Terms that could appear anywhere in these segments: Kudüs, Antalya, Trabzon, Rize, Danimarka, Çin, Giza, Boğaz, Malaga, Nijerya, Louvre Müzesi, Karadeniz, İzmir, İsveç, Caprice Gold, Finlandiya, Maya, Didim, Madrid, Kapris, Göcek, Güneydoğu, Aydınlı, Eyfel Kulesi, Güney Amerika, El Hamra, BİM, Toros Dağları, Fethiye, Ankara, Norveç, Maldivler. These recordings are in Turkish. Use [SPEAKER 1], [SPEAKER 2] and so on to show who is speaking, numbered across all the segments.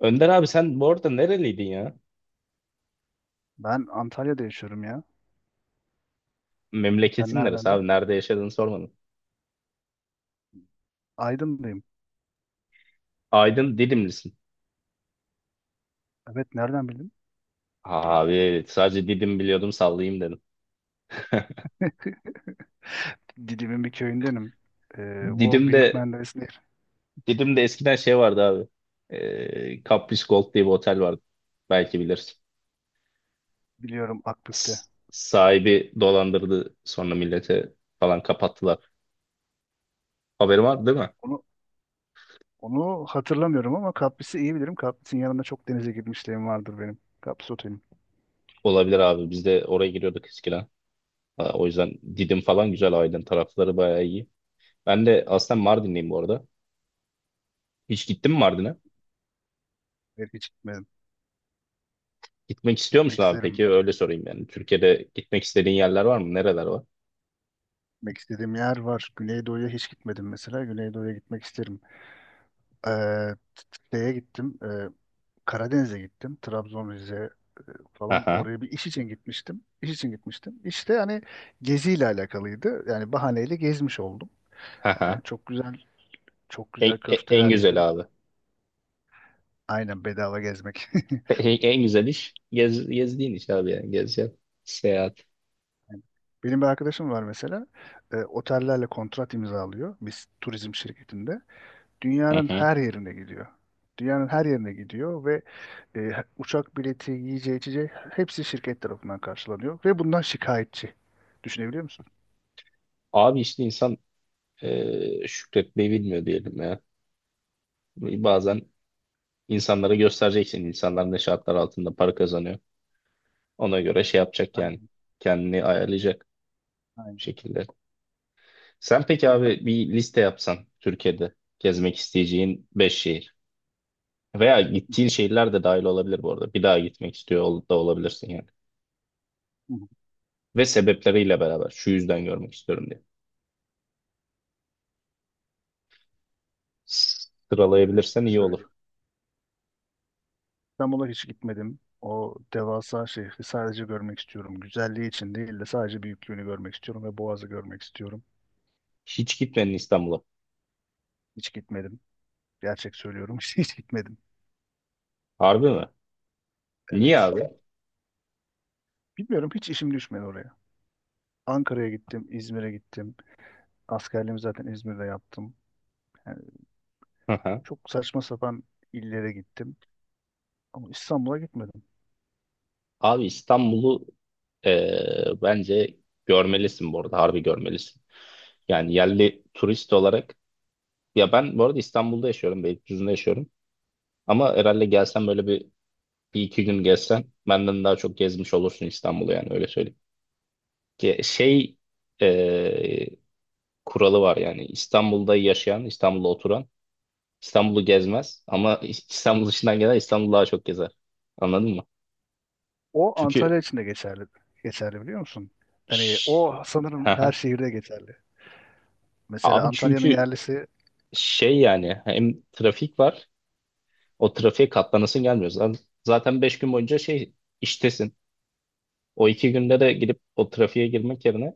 [SPEAKER 1] Önder abi sen bu arada nereliydin ya?
[SPEAKER 2] Ben Antalya'da yaşıyorum ya. Sen
[SPEAKER 1] Memleketin neresi
[SPEAKER 2] neredendin?
[SPEAKER 1] abi? Nerede yaşadığını sormadın.
[SPEAKER 2] Aydınlıyım.
[SPEAKER 1] Aydın Didimlisin.
[SPEAKER 2] Evet, nereden bildin?
[SPEAKER 1] Abi evet, sadece Didim biliyordum sallayayım dedim.
[SPEAKER 2] Didim'in bir köyündenim. Bu Büyük
[SPEAKER 1] Didim'de
[SPEAKER 2] Menderes Nehri.
[SPEAKER 1] Didim'de eskiden şey vardı abi. Caprice Gold diye bir otel vardı. Belki bilirsin.
[SPEAKER 2] Biliyorum, Akbük'te.
[SPEAKER 1] S- sahibi dolandırdı sonra millete falan kapattılar. Haberin var değil mi?
[SPEAKER 2] Onu, Onu hatırlamıyorum ama Kapris'i iyi bilirim. Kapris'in yanında çok denize girmişliğim vardır benim. Kapris otelim.
[SPEAKER 1] Olabilir abi. Biz de oraya giriyorduk eskiden. Ha, o yüzden Didim falan güzel. Aydın tarafları bayağı iyi. Ben de aslında Mardinliyim bu arada. Hiç gittin mi Mardin'e?
[SPEAKER 2] Evet, hiç gitmedim.
[SPEAKER 1] Gitmek istiyor
[SPEAKER 2] Gitmek
[SPEAKER 1] musun abi
[SPEAKER 2] isterim.
[SPEAKER 1] peki? Öyle sorayım yani. Türkiye'de gitmek istediğin yerler var mı? Nereler var?
[SPEAKER 2] Gitmek istediğim yer var. Güneydoğu'ya hiç gitmedim mesela. Güneydoğu'ya gitmek isterim. Ee, t- Şeye gittim. Karadeniz'e gittim. Trabzon, Rize, falan
[SPEAKER 1] Aha,
[SPEAKER 2] oraya bir iş için gitmiştim. İş için gitmiştim. İşte hani geziyle alakalıydı. Yani bahaneyle gezmiş oldum. Yani
[SPEAKER 1] aha.
[SPEAKER 2] çok güzel, çok
[SPEAKER 1] En,
[SPEAKER 2] güzel
[SPEAKER 1] en, e, en
[SPEAKER 2] köfteler
[SPEAKER 1] güzel
[SPEAKER 2] yedim.
[SPEAKER 1] abi.
[SPEAKER 2] Aynen, bedava gezmek.
[SPEAKER 1] En güzel iş gezdiğin iş abi yani. Gezeceksin. Seyahat.
[SPEAKER 2] Yani benim bir arkadaşım var mesela. Otellerle kontrat imzalıyor. Biz turizm şirketinde.
[SPEAKER 1] Hı
[SPEAKER 2] Dünyanın
[SPEAKER 1] hı.
[SPEAKER 2] her yerine gidiyor. Dünyanın her yerine gidiyor ve e, uçak bileti, yiyeceği, içeceği hepsi şirket tarafından karşılanıyor ve bundan şikayetçi. Düşünebiliyor musun?
[SPEAKER 1] Abi işte insan şükretmeyi bilmiyor diyelim ya. Bazen insanlara göstereceksin. İnsanlar ne şartlar altında para kazanıyor. Ona göre şey yapacak yani.
[SPEAKER 2] Aynen,
[SPEAKER 1] Kendini ayarlayacak bir
[SPEAKER 2] aynen.
[SPEAKER 1] şekilde. Sen peki abi bir liste yapsan Türkiye'de gezmek isteyeceğin 5 şehir. Veya
[SPEAKER 2] Hı
[SPEAKER 1] gittiğin
[SPEAKER 2] hı,
[SPEAKER 1] şehirler de dahil olabilir bu arada. Bir daha gitmek istiyor da olabilirsin yani.
[SPEAKER 2] hı hı.
[SPEAKER 1] Ve sebepleriyle beraber şu yüzden görmek istiyorum diye.
[SPEAKER 2] Öyle
[SPEAKER 1] Sıralayabilirsen iyi olur.
[SPEAKER 2] söyleyeyim. İstanbul'a hiç gitmedim. O devasa şehri sadece görmek istiyorum. Güzelliği için değil de sadece büyüklüğünü görmek istiyorum ve Boğaz'ı görmek istiyorum.
[SPEAKER 1] Hiç gitmedin İstanbul'a.
[SPEAKER 2] Hiç gitmedim. Gerçek söylüyorum. Hiç hiç gitmedim.
[SPEAKER 1] Harbi mi? Niye
[SPEAKER 2] Evet.
[SPEAKER 1] abi?
[SPEAKER 2] Bilmiyorum, hiç işim düşmedi oraya. Ankara'ya gittim, İzmir'e gittim. Askerliğimi zaten İzmir'de yaptım. Yani
[SPEAKER 1] Hı hı.
[SPEAKER 2] çok saçma sapan illere gittim. Ama İstanbul'a gitmedim.
[SPEAKER 1] Abi İstanbul'u bence görmelisin bu arada. Harbi görmelisin. Yani yerli turist olarak ya ben bu arada İstanbul'da yaşıyorum. Beylikdüzü'nde yaşıyorum. Ama herhalde gelsen böyle bir iki gün gezsen benden daha çok gezmiş olursun İstanbul'u yani öyle söyleyeyim. Ki şey e, kuralı var yani İstanbul'da yaşayan, İstanbul'da oturan İstanbul'u gezmez ama İstanbul dışından gelen İstanbul'u daha çok gezer. Anladın mı?
[SPEAKER 2] O
[SPEAKER 1] Çünkü
[SPEAKER 2] Antalya için de geçerli. Geçerli, biliyor musun? Hani
[SPEAKER 1] Şş,
[SPEAKER 2] o
[SPEAKER 1] hı
[SPEAKER 2] sanırım her
[SPEAKER 1] hı.
[SPEAKER 2] şehirde geçerli. Mesela
[SPEAKER 1] Abi
[SPEAKER 2] Antalya'nın
[SPEAKER 1] çünkü
[SPEAKER 2] yerlisi.
[SPEAKER 1] şey yani hem trafik var, o trafiğe katlanasın gelmiyor. Zaten 5 gün boyunca şey iştesin. O 2 günde de gidip o trafiğe girmek yerine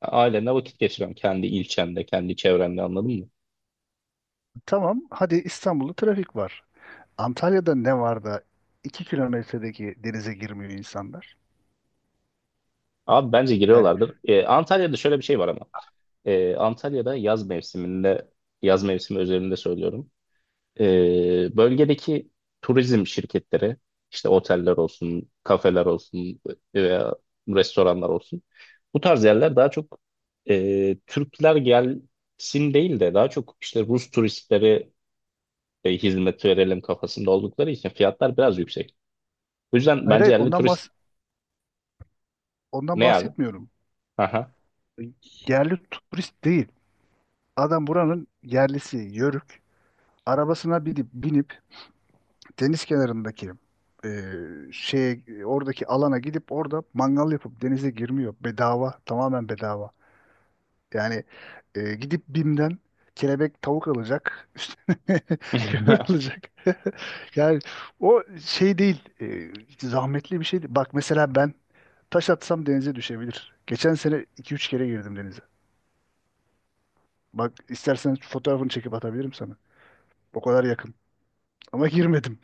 [SPEAKER 1] ailenle vakit geçiriyorsun. Kendi ilçende, kendi çevrende anladın mı?
[SPEAKER 2] Tamam, hadi İstanbul'da trafik var. Antalya'da ne var da 2 kilometredeki denize girmiyor insanlar?
[SPEAKER 1] Abi bence
[SPEAKER 2] Yani
[SPEAKER 1] giriyorlardır. E, Antalya'da şöyle bir şey var ama. Antalya'da yaz mevsiminde, yaz mevsimi özelinde söylüyorum. Bölgedeki turizm şirketleri, işte oteller olsun, kafeler olsun veya restoranlar olsun. Bu tarz yerler daha çok Türkler gelsin değil de daha çok işte Rus turistleri hizmet verelim kafasında oldukları için fiyatlar biraz yüksek. O yüzden
[SPEAKER 2] hayır,
[SPEAKER 1] bence
[SPEAKER 2] hayır,
[SPEAKER 1] yerli turist
[SPEAKER 2] ondan
[SPEAKER 1] ne abi?
[SPEAKER 2] bahsetmiyorum.
[SPEAKER 1] Aha.
[SPEAKER 2] Yerli turist değil. Adam buranın yerlisi, yörük. Arabasına binip deniz kenarındaki e, şey, oradaki alana gidip orada mangal yapıp denize girmiyor. Bedava, tamamen bedava. Yani gidip BİM'den kelebek tavuk alacak, üstüne kömür alacak. Yani o şey değil, zahmetli bir şey değil. Bak, mesela ben taş atsam denize düşebilir. Geçen sene iki üç kere girdim denize. Bak, istersen fotoğrafını çekip atabilirim sana. O kadar yakın. Ama girmedim.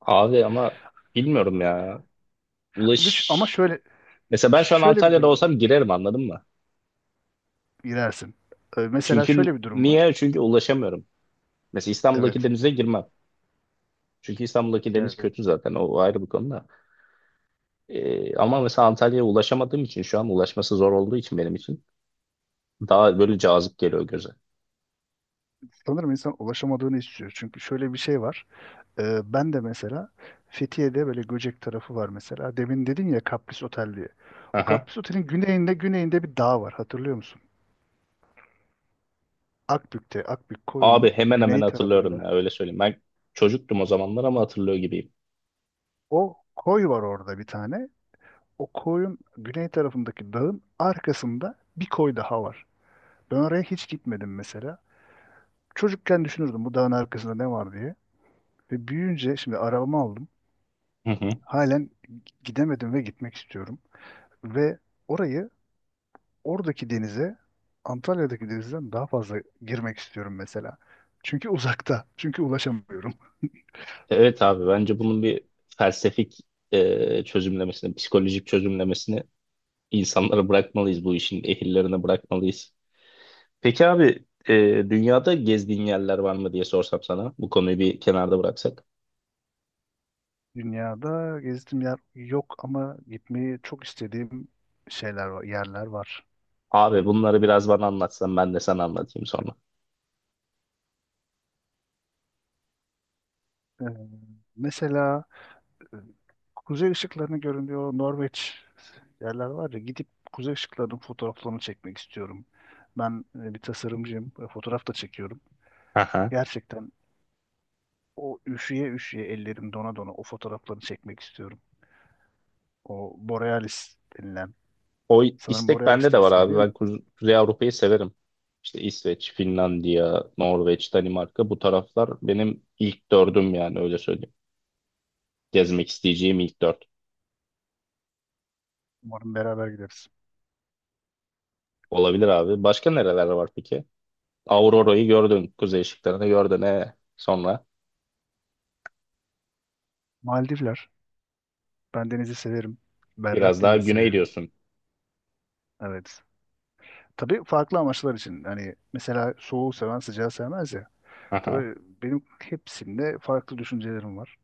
[SPEAKER 1] Abi ama bilmiyorum ya. Ulaş
[SPEAKER 2] Ama şöyle
[SPEAKER 1] Mesela ben şu an
[SPEAKER 2] şöyle bir
[SPEAKER 1] Antalya'da
[SPEAKER 2] durum var.
[SPEAKER 1] olsam girerim anladın mı?
[SPEAKER 2] Girersin. Mesela
[SPEAKER 1] Çünkü
[SPEAKER 2] şöyle bir durum
[SPEAKER 1] niye?
[SPEAKER 2] var.
[SPEAKER 1] Çünkü ulaşamıyorum. Mesela İstanbul'daki
[SPEAKER 2] Evet.
[SPEAKER 1] denize girmem. Çünkü İstanbul'daki deniz
[SPEAKER 2] Evet.
[SPEAKER 1] kötü zaten. O ayrı bir konu da. Ama mesela Antalya'ya ulaşamadığım için şu an ulaşması zor olduğu için benim için daha böyle cazip geliyor göze.
[SPEAKER 2] Sanırım insan ulaşamadığını istiyor. Çünkü şöyle bir şey var. Ben de mesela Fethiye'de böyle Göcek tarafı var mesela. Demin dedin ya Kapris Otel diye. O
[SPEAKER 1] Aha.
[SPEAKER 2] Kapris Otel'in güneyinde bir dağ var, hatırlıyor musun? Akbük'te, Akbük
[SPEAKER 1] Abi
[SPEAKER 2] koyunun
[SPEAKER 1] hemen hemen
[SPEAKER 2] güney
[SPEAKER 1] hatırlıyorum ya
[SPEAKER 2] tarafında.
[SPEAKER 1] öyle söyleyeyim. Ben çocuktum o zamanlar ama hatırlıyor gibiyim.
[SPEAKER 2] O koy var orada bir tane. O koyun güney tarafındaki dağın arkasında bir koy daha var. Ben oraya hiç gitmedim mesela. Çocukken düşünürdüm bu dağın arkasında ne var diye. Ve büyüyünce şimdi arabamı aldım.
[SPEAKER 1] Hı hı.
[SPEAKER 2] Halen gidemedim ve gitmek istiyorum. Ve orayı, oradaki denize, Antalya'daki denizden daha fazla girmek istiyorum mesela. Çünkü uzakta. Çünkü ulaşamıyorum.
[SPEAKER 1] Evet abi bence bunun bir felsefik çözümlemesini, psikolojik çözümlemesini insanlara bırakmalıyız, bu işin ehillerine bırakmalıyız. Peki abi dünyada gezdiğin yerler var mı diye sorsam sana. Bu konuyu bir kenarda bıraksak.
[SPEAKER 2] Dünyada gezdiğim yer yok ama gitmeyi çok istediğim şeyler var, yerler var.
[SPEAKER 1] Abi bunları biraz bana anlatsan ben de sana anlatayım sonra.
[SPEAKER 2] Ee, Mesela e, kuzey ışıklarını görünüyor Norveç, yerler var ya, gidip kuzey ışıklarının fotoğraflarını çekmek istiyorum. Ben bir tasarımcıyım, fotoğraf da çekiyorum.
[SPEAKER 1] Aha.
[SPEAKER 2] Gerçekten o üşüye üşüye, ellerim dona dona o fotoğrafları çekmek istiyorum. O Borealis denilen.
[SPEAKER 1] O
[SPEAKER 2] Sanırım
[SPEAKER 1] istek bende
[SPEAKER 2] Borealis
[SPEAKER 1] de
[SPEAKER 2] de
[SPEAKER 1] var
[SPEAKER 2] ismi
[SPEAKER 1] abi.
[SPEAKER 2] değil
[SPEAKER 1] Ben
[SPEAKER 2] mi?
[SPEAKER 1] Kuzey Avrupa'yı severim. İşte İsveç, Finlandiya, Norveç, Danimarka bu taraflar benim ilk dördüm yani öyle söyleyeyim. Gezmek isteyeceğim ilk dört.
[SPEAKER 2] Umarım beraber gideriz.
[SPEAKER 1] Olabilir abi. Başka nereler var peki? Aurora'yı gördün. Kuzey ışıklarını gördün. E, sonra
[SPEAKER 2] Maldivler. Ben denizi severim. Berrak
[SPEAKER 1] biraz daha
[SPEAKER 2] denizi
[SPEAKER 1] güney
[SPEAKER 2] severim.
[SPEAKER 1] diyorsun.
[SPEAKER 2] Evet. Tabii farklı amaçlar için. Hani mesela soğuğu seven sıcağı sevmez ya.
[SPEAKER 1] Aha.
[SPEAKER 2] Tabii benim hepsinde farklı düşüncelerim var.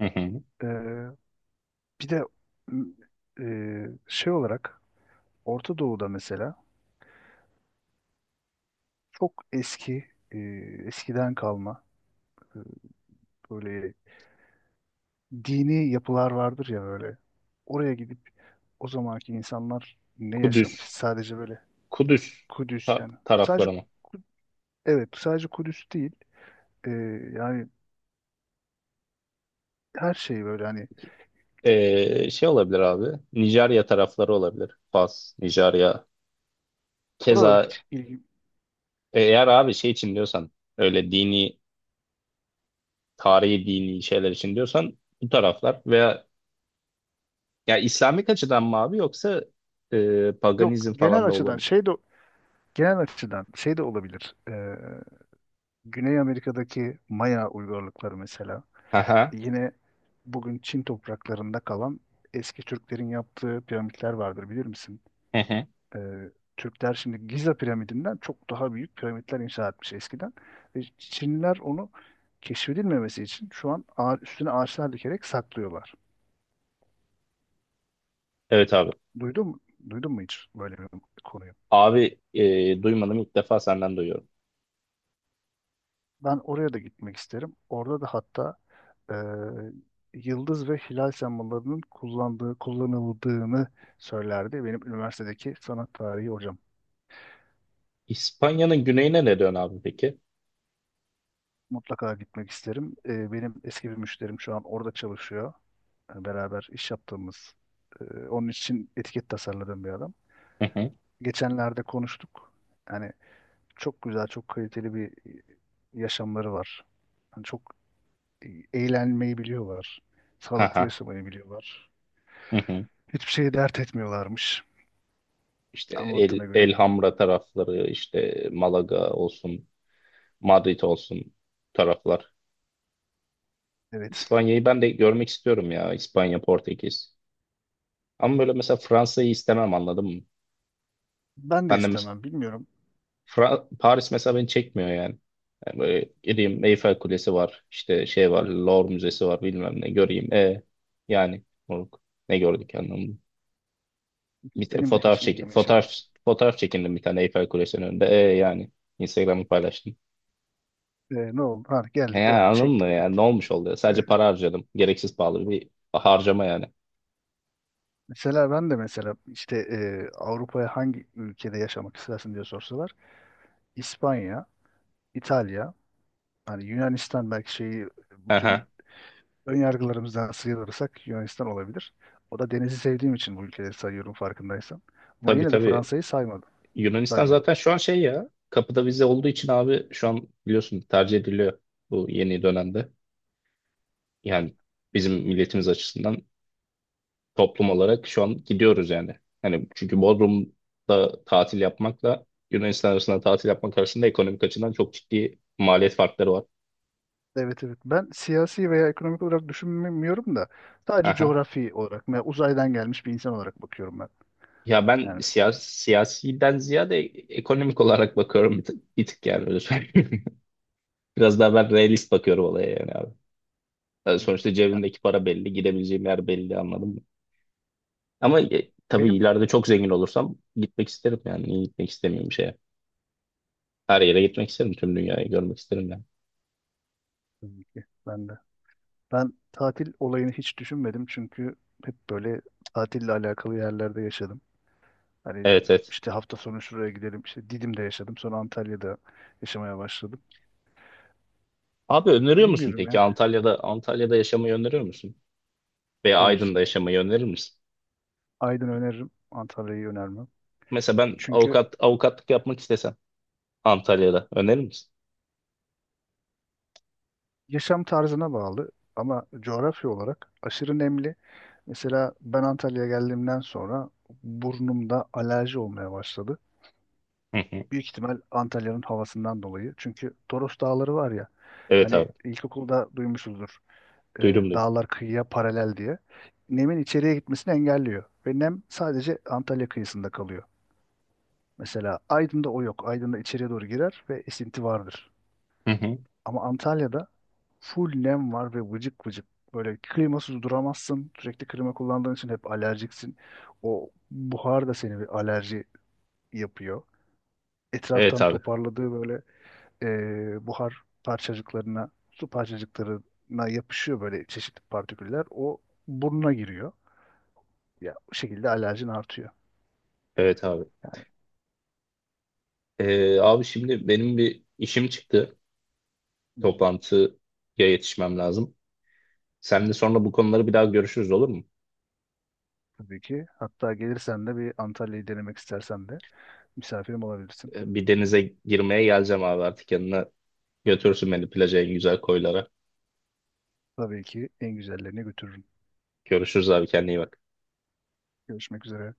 [SPEAKER 1] Hı hı.
[SPEAKER 2] Ee, Bir de m, şey olarak Orta Doğu'da mesela çok eski, eskiden kalma, e, böyle dini yapılar vardır ya böyle. Oraya gidip o zamanki insanlar ne yaşamış?
[SPEAKER 1] Kudüs.
[SPEAKER 2] Sadece böyle
[SPEAKER 1] Kudüs
[SPEAKER 2] Kudüs yani. Sadece
[SPEAKER 1] tarafları mı?
[SPEAKER 2] Ku- evet, sadece Kudüs değil. Ee, Yani her şey böyle, hani
[SPEAKER 1] Şey olabilir abi. Nijerya tarafları olabilir. Fas, Nijerya.
[SPEAKER 2] oralara
[SPEAKER 1] Keza
[SPEAKER 2] hiç ilgi
[SPEAKER 1] eğer abi şey için diyorsan öyle dini, tarihi dini şeyler için diyorsan bu taraflar veya ya İslamik açıdan mı abi yoksa
[SPEAKER 2] yok.
[SPEAKER 1] paganizm
[SPEAKER 2] Genel
[SPEAKER 1] falan da olur
[SPEAKER 2] açıdan
[SPEAKER 1] mu?
[SPEAKER 2] şey de, olabilir. Güney Amerika'daki Maya uygarlıkları mesela.
[SPEAKER 1] Aha.
[SPEAKER 2] Yine bugün Çin topraklarında kalan eski Türklerin yaptığı piramitler vardır, bilir misin?
[SPEAKER 1] Hı hı.
[SPEAKER 2] e, Türkler şimdi Giza piramidinden çok daha büyük piramitler inşa etmiş eskiden. Ve Çinliler onu keşfedilmemesi için şu an üstüne ağaçlar dikerek saklıyorlar.
[SPEAKER 1] Evet abi.
[SPEAKER 2] Duydun mu? Duydun mu hiç böyle bir konuyu?
[SPEAKER 1] Abi duymadım, ilk defa senden duyuyorum.
[SPEAKER 2] Ben oraya da gitmek isterim. Orada da hatta e, yıldız ve hilal sembollerinin kullanıldığını söylerdi benim üniversitedeki sanat tarihi hocam.
[SPEAKER 1] İspanya'nın güneyine ne dön abi peki?
[SPEAKER 2] Mutlaka gitmek isterim. Benim eski bir müşterim şu an orada çalışıyor. Yani beraber iş yaptığımız, onun için etiket tasarladığım bir adam.
[SPEAKER 1] Hı hı.
[SPEAKER 2] Geçenlerde konuştuk. Yani çok güzel, çok kaliteli bir yaşamları var. Yani çok eğlenmeyi biliyorlar. Sağlıklı
[SPEAKER 1] Aha.
[SPEAKER 2] yaşamayı biliyorlar.
[SPEAKER 1] Hı hı.
[SPEAKER 2] Hiçbir şeyi dert etmiyorlarmış
[SPEAKER 1] İşte
[SPEAKER 2] anlattığına göre.
[SPEAKER 1] El Hamra tarafları, işte Malaga olsun, Madrid olsun taraflar.
[SPEAKER 2] Evet.
[SPEAKER 1] İspanya'yı ben de görmek istiyorum ya. İspanya, Portekiz. Ama böyle mesela Fransa'yı istemem anladın mı?
[SPEAKER 2] Ben de
[SPEAKER 1] Ben de mesela
[SPEAKER 2] istemem. Bilmiyorum.
[SPEAKER 1] Paris mesela beni çekmiyor yani. Yani böyle gideyim Eyfel Kulesi var, işte şey var, Louvre Müzesi var, bilmem ne göreyim. Yani moruk, ne gördük anlamında. Bir te-
[SPEAKER 2] Benim de
[SPEAKER 1] fotoğraf
[SPEAKER 2] hiç
[SPEAKER 1] çekin,
[SPEAKER 2] ilgimi
[SPEAKER 1] fotoğraf
[SPEAKER 2] çekmiyor.
[SPEAKER 1] fotoğraf çekindim bir tane Eyfel Kulesi'nin önünde. Yani Instagram'ı paylaştım.
[SPEAKER 2] Ne oldu? Ha, geldik,
[SPEAKER 1] Yani
[SPEAKER 2] oldu.
[SPEAKER 1] anladın mı
[SPEAKER 2] Çektik,
[SPEAKER 1] yani ne
[SPEAKER 2] bitti.
[SPEAKER 1] olmuş oluyor?
[SPEAKER 2] Ee,
[SPEAKER 1] Sadece para harcadım. Gereksiz pahalı bir harcama yani.
[SPEAKER 2] Mesela ben de mesela işte Avrupa'ya hangi ülkede yaşamak istersin diye sorsalar İspanya, İtalya, hani Yunanistan, belki şeyi, bütün
[SPEAKER 1] Aha.
[SPEAKER 2] ön yargılarımızdan sıyrılırsak Yunanistan olabilir. O da denizi sevdiğim için bu ülkeleri sayıyorum, farkındaysan. Ama
[SPEAKER 1] Tabii
[SPEAKER 2] yine de
[SPEAKER 1] tabii.
[SPEAKER 2] Fransa'yı saymadım.
[SPEAKER 1] Yunanistan
[SPEAKER 2] Saymadım.
[SPEAKER 1] zaten şu an şey ya. Kapıda vize olduğu için abi şu an biliyorsun tercih ediliyor bu yeni dönemde. Yani bizim milletimiz açısından toplum olarak şu an gidiyoruz yani. Hani çünkü Bodrum'da tatil yapmakla Yunanistan arasında tatil yapmak arasında ekonomik açıdan çok ciddi maliyet farkları var.
[SPEAKER 2] Evet, evet. Ben siyasi veya ekonomik olarak düşünmüyorum da sadece
[SPEAKER 1] Aha.
[SPEAKER 2] coğrafi olarak veya uzaydan gelmiş bir insan olarak bakıyorum ben.
[SPEAKER 1] Ya ben
[SPEAKER 2] Yani
[SPEAKER 1] siyasiden ziyade ekonomik olarak bakıyorum bir tık, bir tık yani öyle söyleyeyim. Biraz daha ben realist bakıyorum olaya yani abi. Yani sonuçta cebimdeki para belli, gidebileceğim yer belli anladın mı? Ama tabii
[SPEAKER 2] benim,
[SPEAKER 1] ileride çok zengin olursam gitmek isterim yani. Niye gitmek istemiyorum bir şeye? Her yere gitmek isterim, tüm dünyayı görmek isterim yani.
[SPEAKER 2] tabii ki ben de. Ben tatil olayını hiç düşünmedim çünkü hep böyle tatille alakalı yerlerde yaşadım. Hani
[SPEAKER 1] Evet evet.
[SPEAKER 2] işte hafta sonu şuraya gidelim, işte Didim'de yaşadım, sonra Antalya'da yaşamaya başladım.
[SPEAKER 1] Abi öneriyor musun
[SPEAKER 2] Bilmiyorum
[SPEAKER 1] peki
[SPEAKER 2] yani.
[SPEAKER 1] Antalya'da yaşamayı öneriyor musun? Veya
[SPEAKER 2] Hayır.
[SPEAKER 1] Aydın'da yaşamayı önerir misin?
[SPEAKER 2] Aydın öneririm, Antalya'yı önermem.
[SPEAKER 1] Mesela ben
[SPEAKER 2] Çünkü
[SPEAKER 1] avukatlık yapmak istesem Antalya'da önerir misin?
[SPEAKER 2] yaşam tarzına bağlı ama coğrafya olarak aşırı nemli. Mesela ben Antalya'ya geldiğimden sonra burnumda alerji olmaya başladı.
[SPEAKER 1] Hı hı.
[SPEAKER 2] Büyük ihtimal Antalya'nın havasından dolayı. Çünkü Toros Dağları var ya.
[SPEAKER 1] Evet
[SPEAKER 2] Hani
[SPEAKER 1] abi.
[SPEAKER 2] ilkokulda duymuşuzdur. e,
[SPEAKER 1] Duydum duydum.
[SPEAKER 2] Dağlar kıyıya paralel diye. Nemin içeriye gitmesini engelliyor. Ve nem sadece Antalya kıyısında kalıyor. Mesela Aydın'da o yok. Aydın'da içeriye doğru girer ve esinti vardır.
[SPEAKER 1] Hı hı.
[SPEAKER 2] Ama Antalya'da full nem var ve vıcık vıcık. Böyle klimasız duramazsın. Sürekli klima kullandığın için hep alerjiksin. O buhar da seni bir alerji yapıyor.
[SPEAKER 1] Evet
[SPEAKER 2] Etraftan
[SPEAKER 1] abi.
[SPEAKER 2] toparladığı böyle buhar parçacıklarına, su parçacıklarına yapışıyor böyle çeşitli partiküller. O burnuna giriyor. Ya bu şekilde alerjin artıyor.
[SPEAKER 1] Evet abi. Abi şimdi benim bir işim çıktı.
[SPEAKER 2] Hı hı.
[SPEAKER 1] Toplantıya yetişmem lazım. Seninle sonra bu konuları bir daha görüşürüz olur mu?
[SPEAKER 2] Tabii ki. Hatta gelirsen de, bir Antalya'yı denemek istersen de misafirim olabilirsin.
[SPEAKER 1] Bir denize girmeye geleceğim abi artık yanına. Götürsün beni plaja en güzel koylara.
[SPEAKER 2] Tabii ki en güzellerine götürürüm.
[SPEAKER 1] Görüşürüz abi, kendine iyi bak.
[SPEAKER 2] Görüşmek üzere.